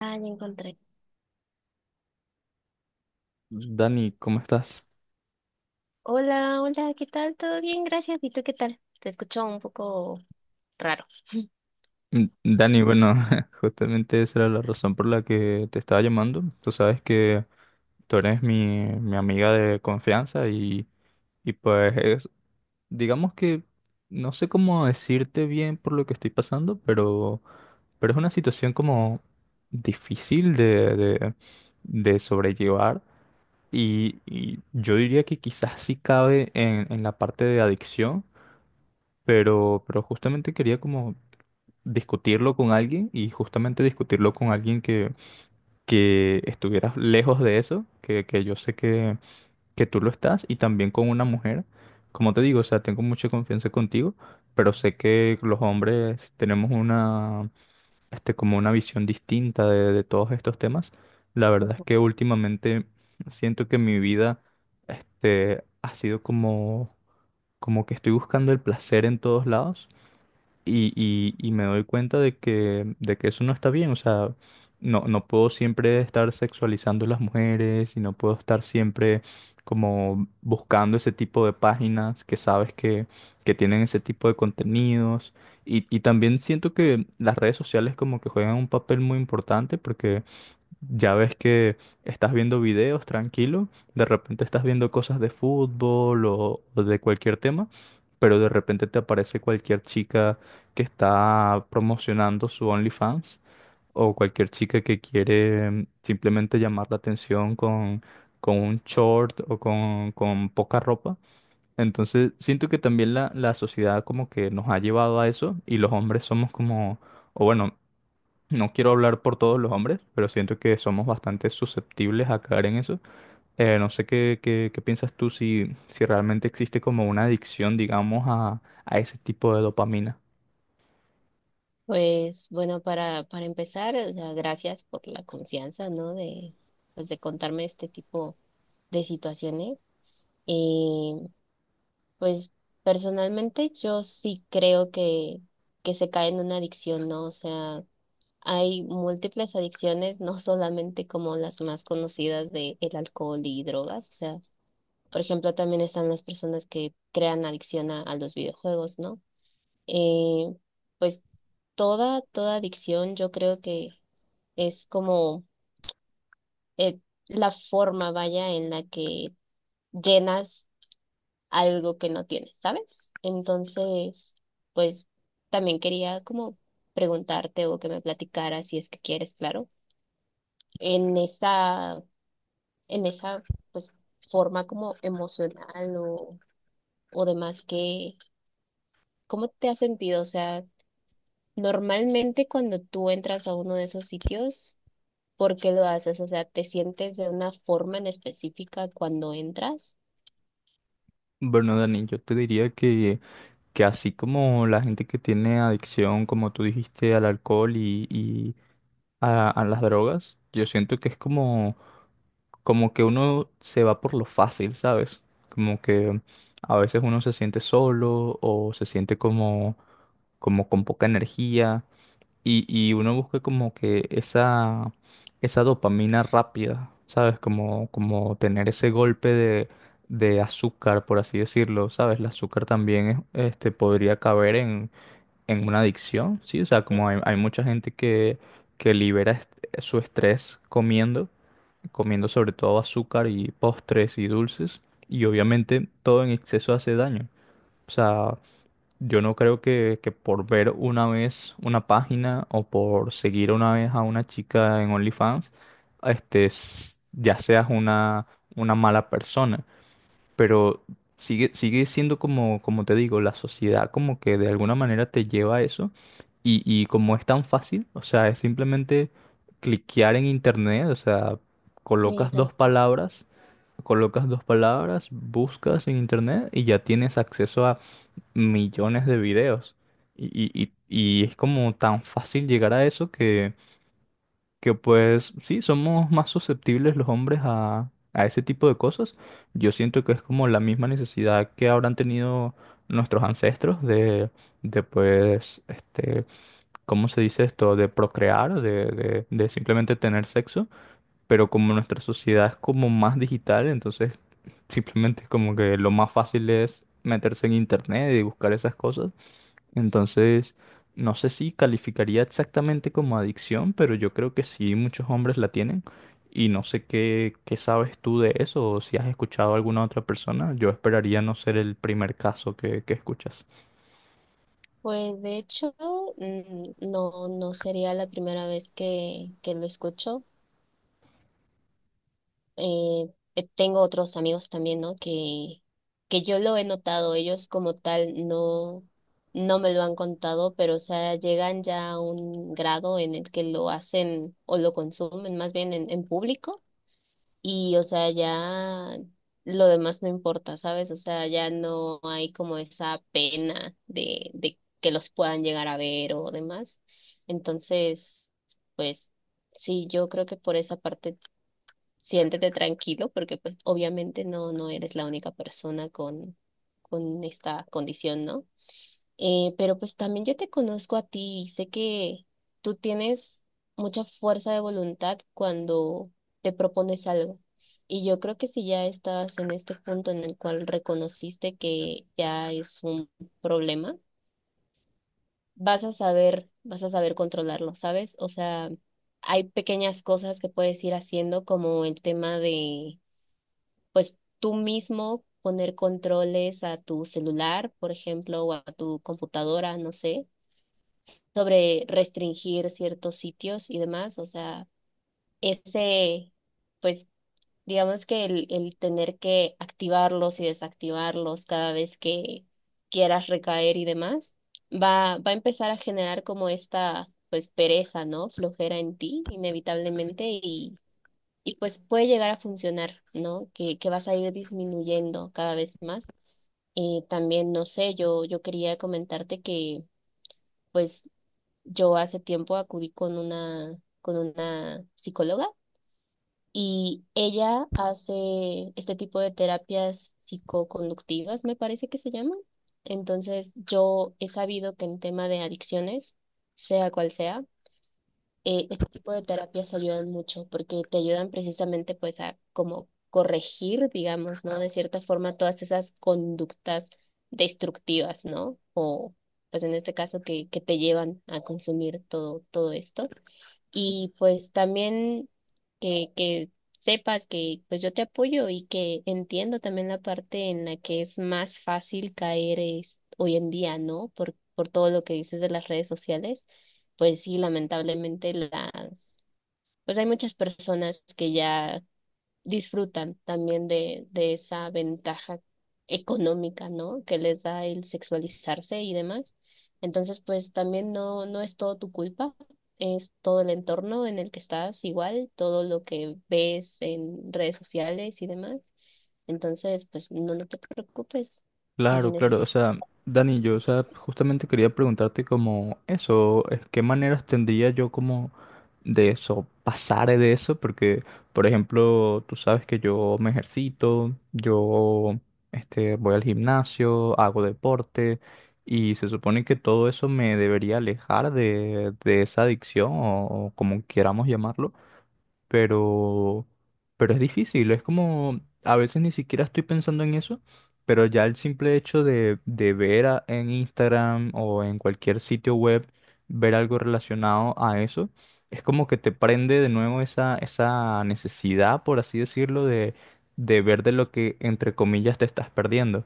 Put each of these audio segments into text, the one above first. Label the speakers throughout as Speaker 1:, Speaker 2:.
Speaker 1: Ah, ya encontré.
Speaker 2: Dani, ¿cómo estás?
Speaker 1: Hola, hola, ¿qué tal? ¿Todo bien? Gracias. ¿Y tú qué tal? Te escucho un poco raro.
Speaker 2: Mm, Dani, bueno, justamente esa era la razón por la que te estaba llamando. Tú sabes que tú eres mi amiga de confianza y pues digamos que no sé cómo decirte bien por lo que estoy pasando, pero es una situación como difícil de sobrellevar y yo diría que quizás sí cabe en la parte de adicción, pero justamente quería como discutirlo con alguien y justamente discutirlo con alguien que estuviera lejos de eso, que yo sé que tú lo estás, y también con una mujer. Como te digo, o sea, tengo mucha confianza contigo, pero sé que los hombres tenemos una, este, como una visión distinta de todos estos temas. La verdad es que últimamente siento que mi vida, este, ha sido como, como que estoy buscando el placer en todos lados y me doy cuenta de que eso no está bien. O sea, no puedo siempre estar sexualizando a las mujeres y no puedo estar siempre como buscando ese tipo de páginas que sabes que tienen ese tipo de contenidos. Y también siento que las redes sociales como que juegan un papel muy importante ya ves que estás viendo videos tranquilo, de repente estás viendo cosas de fútbol o de cualquier tema, pero de repente te aparece cualquier chica que está promocionando su OnlyFans o cualquier chica que quiere simplemente llamar la atención con un short con poca ropa. Entonces siento que también la sociedad como que nos ha llevado a eso y los hombres somos como, o bueno, no quiero hablar por todos los hombres, pero siento que somos bastante susceptibles a caer en eso. No sé qué piensas tú si realmente existe como una adicción, digamos, a ese tipo de dopamina.
Speaker 1: Pues bueno, para empezar, o sea, gracias por la confianza, ¿no? De, pues, de contarme este tipo de situaciones. Pues personalmente yo sí creo que se cae en una adicción, ¿no? O sea, hay múltiples adicciones, no solamente como las más conocidas de el alcohol y drogas, o sea, por ejemplo, también están las personas que crean adicción a los videojuegos, ¿no? Eh, pues toda, toda adicción yo creo que es como eh, la forma, vaya, en la que llenas algo que no tienes, ¿sabes? Entonces, pues también quería como preguntarte o que me platicaras si es que quieres, claro, en esa, en esa pues forma como emocional o demás que, ¿cómo te has sentido? O sea, normalmente cuando tú entras a uno de esos sitios, ¿por qué lo haces? O sea, ¿te sientes de una forma en específica cuando entras?
Speaker 2: Bueno, Dani, yo te diría que así como la gente que tiene adicción, como tú dijiste, al alcohol y a las drogas, yo siento que es como, como que uno se va por lo fácil, ¿sabes? Como que a veces uno se siente solo o se siente como como con poca energía y uno busca como que esa dopamina rápida, ¿sabes? Como, como tener ese golpe de azúcar, por así decirlo, ¿sabes? El azúcar también este, podría caber en una adicción, ¿sí? O sea, como hay mucha gente que libera su estrés comiendo, comiendo sobre todo azúcar y postres y dulces y obviamente todo en exceso hace daño. O sea, yo no creo que por ver una vez una página o por seguir una vez a una chica en OnlyFans, este, ya seas una mala persona. Pero sigue siendo como, como te digo, la sociedad como que de alguna manera te lleva a eso. Y como es tan fácil, o sea, es simplemente cliquear en internet, o sea,
Speaker 1: Eh,
Speaker 2: colocas dos palabras, colocas dos palabras, buscas en internet y ya tienes acceso millones de videos. Y es como tan fácil llegar a eso que pues sí, somos más susceptibles los hombres a ese tipo de cosas. Yo siento que es como la misma necesidad que habrán tenido nuestros ancestros de pues, este, ¿cómo se dice esto? De procrear, de simplemente tener sexo. Pero como nuestra sociedad es como más digital, entonces simplemente es como que lo más fácil es meterse en internet y buscar esas cosas. Entonces, no sé si calificaría exactamente como adicción, pero yo creo que sí, muchos hombres la tienen. Y no sé qué sabes tú de eso o si has escuchado a alguna otra persona. Yo esperaría no ser el primer caso que escuchas.
Speaker 1: Pues de hecho, mm, no, no sería la primera vez que lo escucho. Eh, Tengo otros amigos también, ¿no? Que yo lo he notado, ellos como tal no, no me lo han contado, pero o sea, llegan ya a un grado en el que lo hacen o lo consumen más bien en público y, o sea, ya lo demás no importa, ¿sabes? O sea, ya no hay como esa pena de que los puedan llegar a ver o demás. Entonces, pues sí, yo creo que por esa parte siéntete tranquilo porque pues obviamente no, no eres la única persona con esta condición, ¿no? Pero pues también yo te conozco a ti y sé que tú tienes mucha fuerza de voluntad cuando te propones algo. Y yo creo que si ya estás en este punto en el cual reconociste que ya es un problema, vas a saber controlarlo, ¿sabes? O sea, hay pequeñas cosas que puedes ir haciendo como el tema de, pues tú mismo poner controles a tu celular, por ejemplo, o a tu computadora, no sé sobre restringir ciertos sitios y demás. O sea, ese, pues, digamos que el tener que activarlos y desactivarlos cada vez que quieras recaer y demás, va a empezar a generar como esta, pues, pereza, ¿no? Flojera en ti, inevitablemente, y pues puede llegar a funcionar, ¿no? Que vas a ir disminuyendo cada vez más. También, no sé, yo quería comentarte que pues yo hace tiempo acudí con una psicóloga y ella hace este tipo de terapias psicoconductivas, me parece que se llaman. Entonces, yo he sabido que en tema de adicciones, sea cual sea, este tipo de terapias ayudan mucho porque te ayudan precisamente pues a como corregir, digamos, ¿no? De cierta forma todas esas conductas destructivas, ¿no? O pues en este caso que te llevan a consumir todo, todo esto y pues también que sepas que pues yo te apoyo y que entiendo también la parte en la que es más fácil caer es, hoy en día, ¿no? Por todo lo que dices de las redes sociales, pues sí, lamentablemente las, pues hay muchas personas que ya disfrutan también de esa ventaja económica, ¿no? Que les da el sexualizarse y demás. Entonces, pues también no, no es todo tu culpa, es todo el entorno en el que estás igual, todo lo que ves en redes sociales y demás. Entonces, pues no, no te preocupes. Y si
Speaker 2: Claro, claro. O
Speaker 1: necesitas,
Speaker 2: sea, Dani, yo, o sea, justamente quería preguntarte como eso, es, ¿qué maneras tendría yo como de eso, pasar de eso? Porque, por ejemplo, tú sabes que yo me ejercito, yo este, voy al gimnasio, hago deporte, y se supone que todo eso me debería alejar de esa adicción, o como queramos llamarlo, pero, pero es difícil, es como, a veces ni siquiera estoy pensando en eso, pero ya el simple hecho de ver en Instagram o en cualquier sitio web, ver algo relacionado a eso, es como que te prende de nuevo esa necesidad, por así decirlo, de ver de lo que, entre comillas, te estás perdiendo.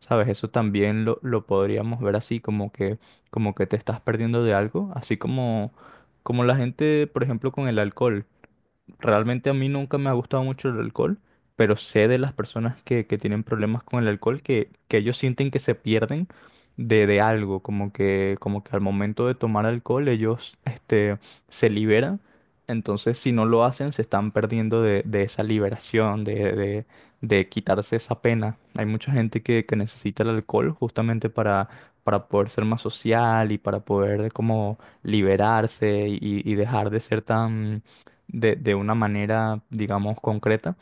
Speaker 2: ¿Sabes? Eso también lo podríamos ver así, como que te estás perdiendo de algo, así como, como la gente, por ejemplo, con el alcohol. Realmente a mí nunca me ha gustado mucho el alcohol, pero sé de las personas que tienen problemas con el alcohol que ellos sienten que se pierden de algo, como que al momento de tomar alcohol ellos este, se liberan, entonces si no lo hacen se están perdiendo de esa liberación, de quitarse esa pena. Hay mucha gente que necesita el alcohol justamente para poder ser más social y para poder como liberarse y dejar de ser tan de una manera, digamos, concreta.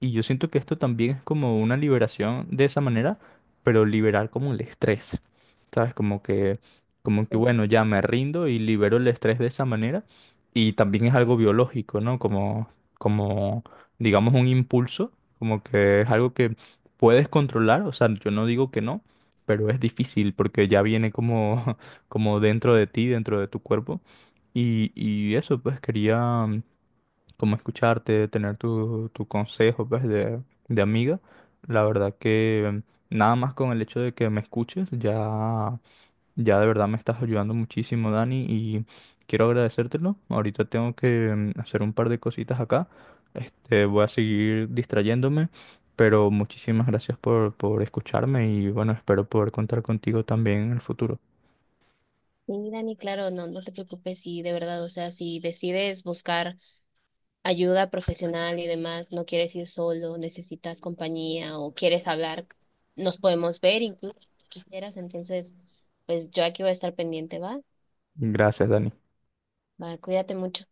Speaker 2: Y yo siento que esto también es como una liberación de esa manera, pero liberar como el estrés, ¿sabes? Como que, bueno, ya me rindo y libero el estrés de esa manera. Y también es algo biológico, ¿no? Como, como, digamos, un impulso, como que es algo que puedes controlar, o sea, yo no digo que no. Pero es difícil porque ya viene como, como dentro de ti, dentro de tu cuerpo. Y eso, pues quería, como escucharte, tener tu, tu consejo, pues, de amiga. La verdad que nada más con el hecho de que me escuches, ya, ya de verdad me estás ayudando muchísimo, Dani, y quiero agradecértelo. Ahorita tengo que hacer un par de cositas acá. Este, voy a seguir distrayéndome, pero muchísimas gracias por escucharme y bueno, espero poder contar contigo también en el futuro.
Speaker 1: sí, Dani, claro, no, no te preocupes. Y de verdad, o sea, si decides buscar ayuda profesional y demás, no quieres ir solo, necesitas compañía o quieres hablar, nos podemos ver incluso si quisieras. Entonces, pues yo aquí voy a estar pendiente, ¿va?
Speaker 2: Gracias, Dani.
Speaker 1: Va, cuídate mucho.